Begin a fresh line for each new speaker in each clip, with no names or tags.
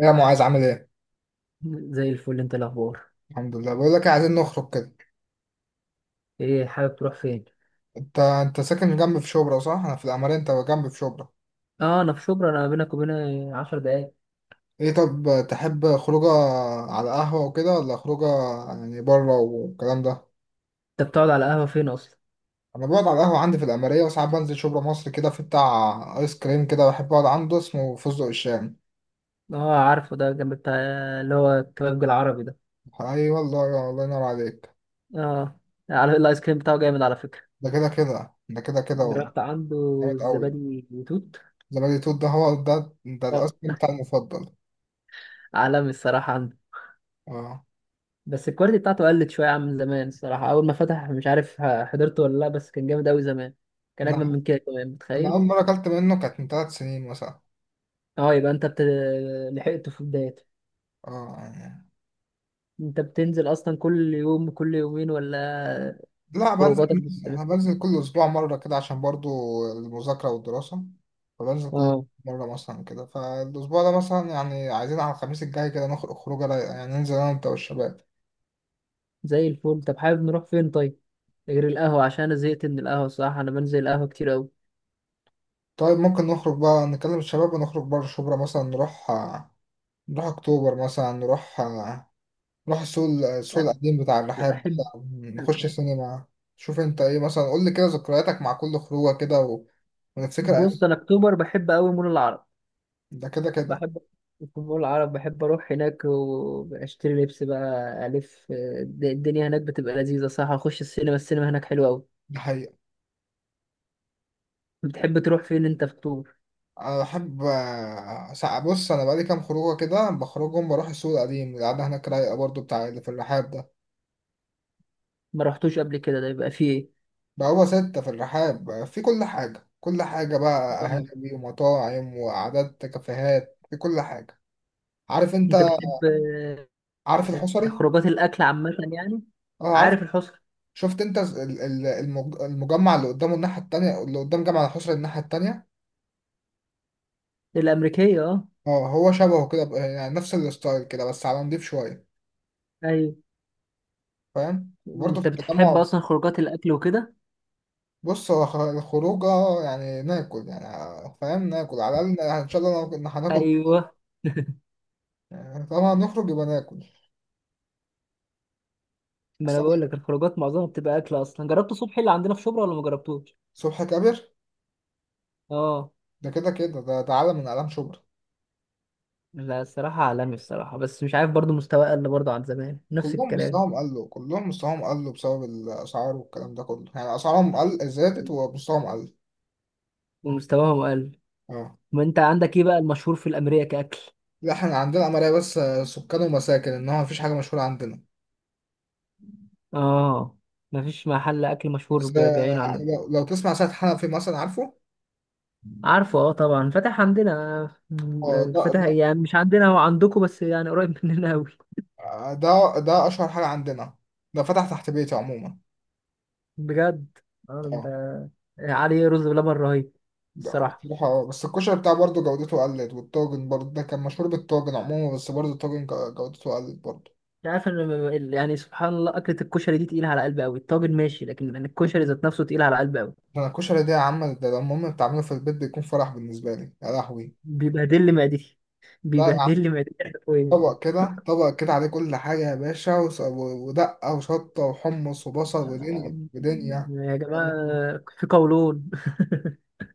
يا معاذ عامل ايه؟
زي الفل، انت الاخبار؟
الحمد لله، بقول لك إيه، عايزين نخرج كده.
ايه، حابب تروح فين؟
انت ساكن جنب في شبرا صح؟ انا في العمارة، انت جنب في شبرا.
اه، انا في شبرا، انا بينك وبين 10 دقايق.
ايه، طب تحب خروجه على قهوة وكده، ولا خروجه يعني بره والكلام ده؟
انت بتقعد على قهوه فين اصلا؟
انا بقعد على القهوة عندي في العمارية، وساعات بنزل شبرا مصر كده، في بتاع ايس كريم كده بحب اقعد عنده، اسمه فستق الشام.
اه، عارفه ده جنب بتاع اللي هو الكبابجي العربي ده.
اي والله، يا الله ينور عليك.
اه، على الايس كريم بتاعه جامد على فكره.
ده كده كده، ده كده كده والله.
جربت
جامد
عنده
قوي.
الزبادي وتوت؟
زبادي توت ده هو ده
اه،
الايس كريم بتاعي المفضل.
عالمي الصراحه عنده.
اه،
بس الكواليتي بتاعته قلت شويه عن زمان، الصراحه اول ما فتح مش عارف حضرته ولا لا، بس كان جامد قوي زمان. كان
انا
اجمل من كده كمان،
انا
متخيل؟
اول مرة اكلت منه كانت من 3 سنين مثلا.
اه، يبقى انت لحقته في بدايته.
اه يعني.
انت بتنزل اصلا كل يوم، كل يومين، ولا؟
لا بنزل،
خروجاتك بتبقى-.
انا بنزل كل اسبوع مره كده عشان برضو المذاكره والدراسه، فبنزل كل
اه.
مره مثلا كده، فالاسبوع ده مثلا يعني عايزين على الخميس الجاي كده نخرج خروجه رايقه يعني، ننزل انا وانت والشباب.
زي الفل، طب حابب نروح فين طيب؟ غير القهوة، عشان انا زهقت من القهوة الصراحة، انا بنزل القهوة كتير قوي.
طيب ممكن نخرج بقى نكلم الشباب ونخرج بره شبرا، مثلا نروح نروح اكتوبر مثلا، نروح نروح السوق
لا،
القديم بتاع
أنا
الرحاب
بحب.
بتاع- نخش السينما. شوف انت ايه مثلا، قول لي كده ذكرياتك مع كل خروجه كده ونفتكر ايام.
بص، انا اكتوبر بحب قوي مول العرب.
ده كده كده.
بحب. في مول العرب بحب اروح هناك واشتري لبس بقى. الدنيا هناك بتبقى لذيذة، صح. اخش السينما، السينما هناك حلوة قوي.
ده حقيقة.
بتحب تروح فين انت في اكتوبر؟
انا بحب بص، انا بقالي كام خروجه كده بخرجهم، بروح السوق القديم، القعده هناك رايقه برضو، بتاع اللي في الرحاب ده.
ما رحتوش قبل كده؟ ده يبقى فيه.
بقوا 6 في الرحاب، في كل حاجه كل حاجه بقى،
ايه، آه.
قهاوي ومطاعم وقعدات كافيهات، في كل حاجه. عارف انت،
انت بتحب
عارف الحصري؟
خروجات الاكل عامه يعني؟
اه عارف.
عارف الحسكه
شفت انت المجمع اللي قدامه الناحيه التانية، اللي قدام جامع الحصري الناحيه التانية.
الامريكيه؟ اه.
اه هو شبهه كده، يعني نفس الستايل كده بس على نضيف شويه.
ايوه.
فاهم، وبرضه في
انت بتحب
التجمع.
اصلا خروجات الاكل وكده؟
بص هو الخروجة يعني ناكل يعني، فاهم، ناكل على الأقل إن شاء الله لو كنا هناكل،
ايوه.
يعني طبعا نخرج يبقى ناكل.
ما
بس
انا بقول
طبعاً،
لك، الخروجات معظمها بتبقى اكل اصلا، جربت صبحي اللي عندنا في شبرا ولا ما جربتوش؟
صبحي كابر.
اه.
ده كده كده، ده عالم من أعلام شبرا.
لا، الصراحه عالمي الصراحه، بس مش عارف برضو مستواه قل برضو عن زمان، نفس
كلهم
الكلام.
مستواهم قلوا، كلهم مستواهم قلوا بسبب الأسعار والكلام ده كله، يعني أسعارهم قل، زادت ومستواهم قل.
ومستواهم قل.
اه.
ما انت عندك ايه بقى المشهور في الامريكا كاكل؟
لا احنا عندنا عملية بس سكان ومساكن، إنما مفيش حاجة مشهورة عندنا.
اه. مفيش محل اكل مشهور
بس
بعينه
آه،
عندك؟
لو تسمع سيد حنفي مثلا، عارفه؟
عارفه، اه طبعا، فتح عندنا.
اه، ده
فتح
ده
يعني مش عندنا، هو عندكم، بس يعني قريب مننا قوي.
ده أشهر حاجة عندنا، ده فتح تحت بيتي عموما.
بجد؟ اه، انت.
اه،
عليه رز بلبن رهيب.
ده
الصراحه
بصراحة بس الكشري بتاعه برضه جودته قلت، والطاجن برضه ده كان مشهور بالطاجن عموما، بس برضه الطاجن جودته قلت برضه.
مش عارف ان يعني سبحان الله، اكله الكشري دي تقيله على قلبي قوي، الطاجن ماشي، لكن أنا الكشري ذات نفسه تقيل على قلبي قوي.
ده أنا الكشري ده يا عم، ده لما أمي بتعمله في البيت بيكون فرح بالنسبة لي، يا لهوي.
بيبهدل لي معدتي.
لا يا
بيبهدل
عم،
لي معدتي حرفيا.
طبق كده، طبق كده عليه كل حاجة يا باشا ودقة وشطة وحمص وبصل ودنيا
آه،
ودنيا.
يا جماعه في قولون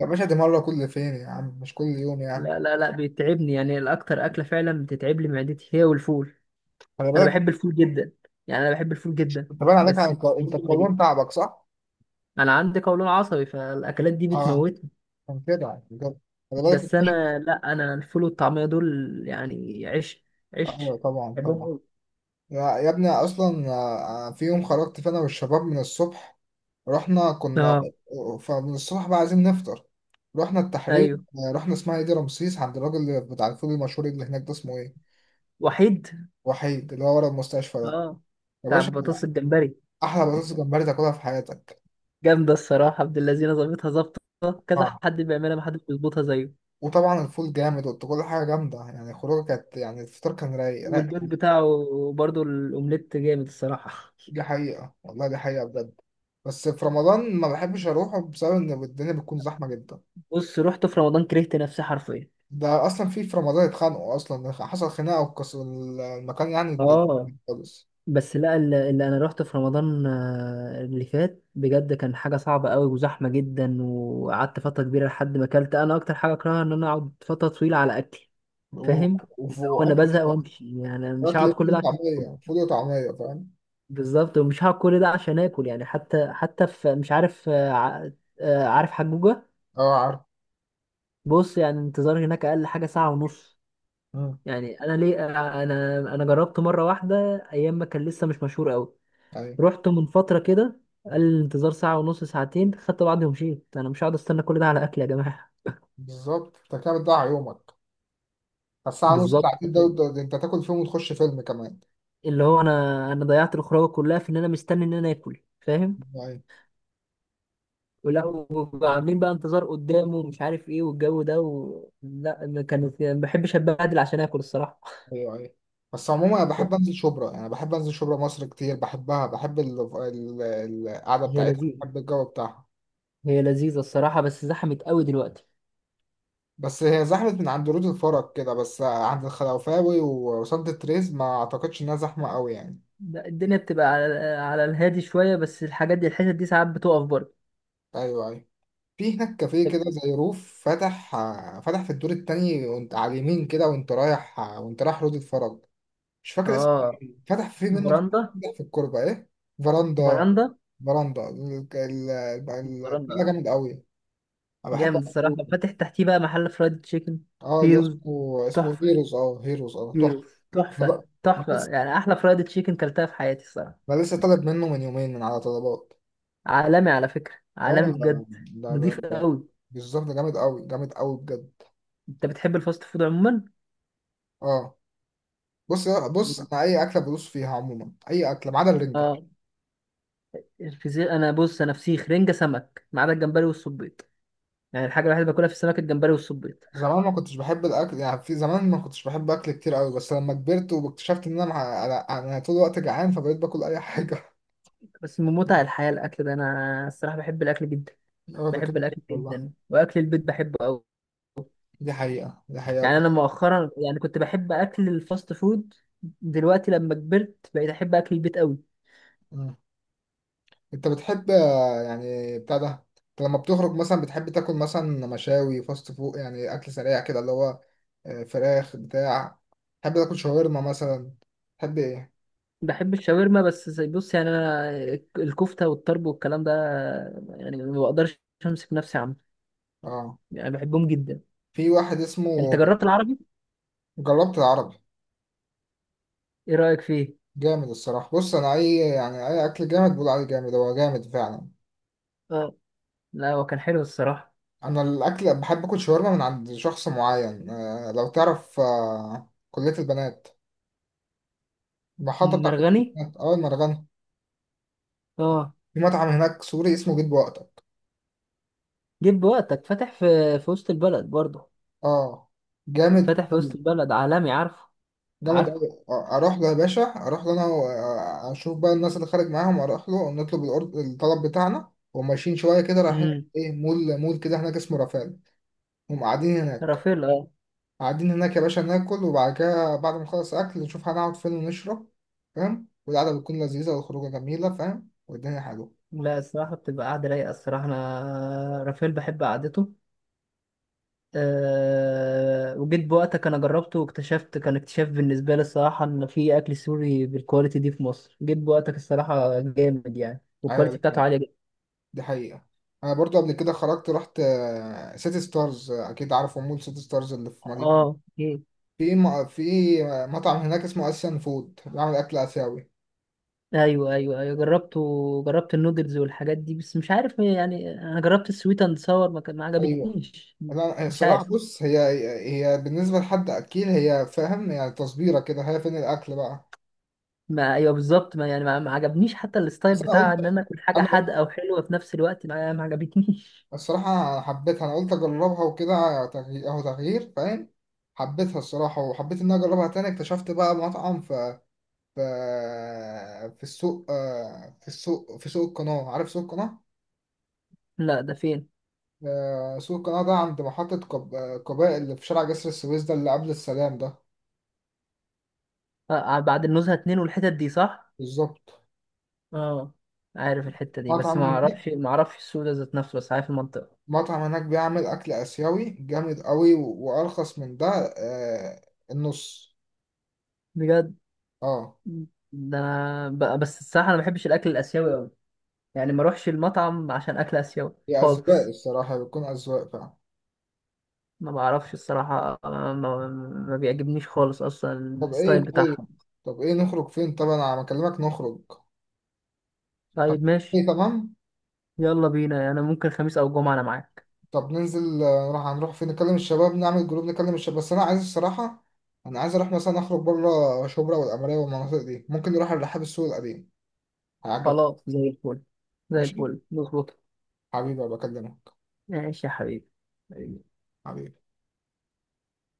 يا باشا، دي مرة كل فين يا عم، مش كل يوم يعني.
لا، لا، لا، بيتعبني يعني، الاكتر اكله فعلا بتتعب لي معدتي هي والفول.
خلي
انا
بالك،
بحب الفول جدا. يعني انا بحب الفول جدا.
انت باين عليك على
بس
الق- انت
برضه يجيش.
القولون تعبك صح؟
انا عندي قولون عصبي، فالاكلات دي
اه،
بتموتني.
كان كده عشان كده. خلي بالك
بس
الكشري.
انا، لا، انا الفول والطعميه دول. يعني عيش.
ايوه
عيش.
طبعا،
بحبهم
طبعا.
قوي.
يا ابني اصلا، في يوم خرجت، فانا والشباب من الصبح رحنا كنا،
اه،
فمن الصبح بقى عايزين نفطر. رحنا التحرير،
ايوه،
رحنا اسمها ايه دي، رمسيس، عند الراجل اللي بتاع الفول المشهور اللي هناك ده، اسمه ايه،
وحيد،
وحيد، اللي هو ورا المستشفى ده.
اه،
يا
بتاع
باشا،
بطاطس الجمبري.
احلى بطاطس جمبري تاكلها في حياتك.
جامده الصراحه، عبد اللذينه ظابطها، ظابطه. كذا
آه.
حد بيعملها، ما حدش بيظبطها زيه.
وطبعا الفول جامد، وقلت كل حاجه جامده، يعني الخروجه كانت يعني، الفطار كان رايق. لا
والبيض بتاعه برضه الاومليت جامد الصراحه.
دي حقيقه والله، دي حقيقه بجد. بس في رمضان ما بحبش اروحه بسبب ان الدنيا بتكون زحمه جدا.
بص، رحت في رمضان كرهت نفسي حرفيا.
ده اصلا في رمضان اتخانقوا اصلا، حصل خناقه وكس المكان يعني.
اه.
خالص.
بس لا، اللي انا رحت في رمضان اللي فات بجد كان حاجه صعبه قوي وزحمه جدا، وقعدت فتره كبيره لحد ما اكلت، انا اكتر حاجه اكرهها ان انا اقعد فتره طويله على اكلي.
و-
فاهم؟
وف-
هو انا بزهق
واكل،
وامشي، يعني أنا مش
اكل
هقعد
إيه؟
كل
فول
ده عشان آكل.
وطعميه، فول وطعميه، فاهم.
بالظبط، ومش هقعد كل ده عشان اكل يعني، حتى في مش عارف، عارف حجوجه؟
اه عارف.
بص يعني، انتظار هناك اقل حاجه ساعه ونص.
مم.
يعني انا ليه انا جربت مره واحده. ايام ما كان لسه مش مشهور قوي.
ايوه
رحت من فترة كده، قال الانتظار ساعة ونص ساعتين، خدت بعضي ومشيت، أنا مش هقعد أستنى كل ده على أكل يا جماعة.
بالظبط، انت كده بتضيع يومك. الساعه نص،
بالظبط.
ساعتين، دول انت تاكل فيهم وتخش فيلم كمان.
اللي هو أنا ضيعت الخروجة كلها في إن أنا مستني إن أنا آكل، فاهم؟
ايوه،
ولا، وعاملين بقى انتظار قدامه ومش عارف إيه والجو ده لا، ما كانت يعني، ما بحبش أتبهدل عشان آكل الصراحة.
ايوه، ايوه. بس عموما انا بحب انزل شبرا، يعني بحب انزل شبرا مصر كتير، بحبها، بحب القعده
هي
بتاعتها،
لذيذة.
بحب الجو بتاعها.
هي لذيذة الصراحة، بس زحمت قوي دلوقتي.
بس هي زحمة من عند رود الفرج كده بس، عند الخلوفاوي وسانت تريز ما أعتقدش إنها زحمة أوي يعني.
لا، الدنيا بتبقى على الهادي شوية، بس الحاجات دي الحتت دي ساعات بتقف برضه.
أيوه، أيوه. في هناك كافيه كده زي روف، فتح فتح في الدور التاني، وأنت على اليمين كده وأنت رايح وأنت رايح رود الفرج، مش فاكر اسمه
اه،
إيه. فتح فيه منه،
فراندا.
فتح في الكوربة إيه، فراندا.
فراندا.
فراندا البتاع
مقارنة.
جامد أوي. أنا بحب
جامد الصراحة،
أقصده.
فاتح تحتيه بقى محل فرايد تشيكن.
أه، اللي
هيروز.
اسمه
تحفة.
هيروز، أه هيروز، أه تحفة.
هيروز.
أنا
تحفة،
بقى- أنا
تحفة،
لسه،
يعني أحلى فرايد تشيكن كلتها في حياتي الصراحة.
أنا لسه طالب منه من يومين من على طلبات.
عالمي على فكرة،
اه،
عالمي بجد.
ده ده
نضيف
ده-
قوي.
بالظبط، ده جامد قوي، جامد قوي بجد.
أنت بتحب الفاست فود عموما؟
اه، بص انا اي اكله بدوس فيها عموما، اي اكله ما عدا الرنجه.
اه. الفسيخ، أنا بص، أنا فسيخ رنجة سمك ما عدا الجمبري والصبيط. يعني الحاجة الوحيدة اللي باكلها في السمك الجمبري والصبيط.
زمان ما كنتش بحب الاكل يعني، في زمان ما كنتش بحب اكل كتير قوي، بس لما كبرت واكتشفت ان انا، أنا طول الوقت جعان، فبقيت باكل اي حاجه.
بس من متع الحياة الأكل ده، أنا الصراحة بحب الأكل جدا.
اه ده
بحب
كده كده
الأكل جدا،
والله.
وأكل البيت بحبه قوي.
دي حقيقه، دي
يعني
حقيقه
انا مؤخرا يعني كنت بحب اكل الفاست فود. دلوقتي لما كبرت بقيت احب اكل البيت قوي.
بجد. انت بتحب يعني بتاع ده، انت لما بتخرج مثلا بتحب تاكل مثلا مشاوي، فاست فود، يعني اكل سريع كده، اللي هو فراخ بتاع، تحب تاكل شاورما مثلا، تحب ايه؟
بحب الشاورما، بس بص يعني انا. الكفته والطرب والكلام ده. يعني ما بقدرش. امسك نفسي عنه.
اه،
يعني بحبهم جدا.
في واحد اسمه،
انت جربت العربي؟
جربت العربي.
ايه رايك فيه؟
جامد الصراحه، بص انا اي يعني اي اكل جامد بقول عليه جامد، هو جامد فعلا.
اه. لا، هو كان حلو الصراحه.
انا الاكل بحب اكل شاورما من عند شخص معين، لو تعرف، كليه البنات، المحطه بتاع كليه
مرغني.
البنات، اه المرغنه.
اه.
في مطعم هناك سوري اسمه بيت بوقت.
جيب وقتك فاتح في وسط البلد برضه.
اه، جامد
فاتح في وسط
أوي،
البلد عالمي، عارفه.
جامد أوي.
عارفه.
اروح له يا باشا، اروح له انا و اشوف بقى الناس اللي خارج معاهم، اروح له نطلب الطلب بتاعنا وماشيين شويه كده رايحين،
امم.
ايه مول كده هناك اسمه رافال، هم قاعدين هناك.
رافيل.
قاعدين هناك يا باشا، ناكل وبعد كده بعد ما نخلص اكل نشوف هنقعد فين ونشرب، فاهم، والقعده بتكون لذيذه والخروجه جميله، فاهم، والدنيا حلوه.
لا، الصراحة بتبقى قاعدة رايقة الصراحة، أنا رافائيل بحب قعدته. أه، وجيت بوقتك أنا جربته واكتشفت، كان اكتشاف بالنسبة لي الصراحة إن في أكل سوري بالكواليتي دي في مصر، جيت بوقتك الصراحة جامد يعني،
ايوه، دي
والكواليتي بتاعته
حقيقة،
عالية جدا.
دي حقيقة. انا برضو قبل كده خرجت رحت سيتي ستارز، اكيد عارفه مول سيتي ستارز اللي في مدينة،
اه، إيه.
في مطعم هناك اسمه اسيان فود، بيعمل اكل اسيوي.
ايوه، ايوه، ايوه، جربته. جربت النودلز والحاجات دي، بس مش عارف يعني، انا جربت السويت اند ساور، ما
ايوه.
عجبتنيش.
انا
مش عارف.
الصراحه بص، هي، هي بالنسبه لحد اكيل هي، فاهم، يعني تصبيره كده، هي فين الاكل بقى.
ما ايوه بالظبط، ما يعني، ما عجبنيش، حتى الستايل
بس انا
بتاع
قلت
ان انا اكل حاجه
انا قلت
حادقه وحلوه في نفس الوقت، ما عجبتنيش.
الصراحه أنا حبيتها، انا قلت اجربها وكده، تغيير، اهو تغيير فاهم. حبيتها الصراحه، وحبيت ان انا اجربها تاني، اكتشفت بقى مطعم في في السوق، في السوق، في سوق القناه، عارف سوق القناه؟
لا، ده فين؟
سوق القناة ده عند محطة قباء اللي في شارع جسر السويس ده، اللي قبل السلام ده.
آه، آه، بعد النزهه اتنين والحتت دي، صح؟
بالظبط.
اه. عارف الحته دي، بس
مطعم
ما
هناك
اعرفش ما اعرفش السوق ده ذات نفسه، بس عارف المنطقه.
مطعم هناك بيعمل أكل آسيوي جامد قوي وأرخص من ده آه، النص.
بجد؟
اه.
ده انا بس الصراحه انا ما بحبش الاكل الاسيوي قوي. يعني ما اروحش المطعم عشان اكل اسيوي
هي أذواق
خالص.
الصراحة، بتكون أذواق فعلا.
ما بعرفش الصراحه، ما بيعجبنيش خالص اصلا.
طب إيه،
الستايل
طيب،
بتاعهم.
طب إيه نخرج فين، طب أنا بكلمك نخرج. خلاص.
طيب، ماشي.
إيه تمام.
يلا بينا، يعني انا ممكن خميس او جمعه، انا معاك.
طب ننزل نروح، هنروح فين، نكلم الشباب، نعمل جروب نكلم الشباب، بس انا عايز الصراحه، انا عايز اروح مثلا اخرج بره شبرا والقمريه والمناطق دي، ممكن نروح الرحاب السوق القديم، هيعجبك.
خلاص، زي الفل. زي
ماشي
الفل، مظبوط.
حبيبي، بكلمك.
ماشي يا حبيبي. حبيبي.
حبيبي.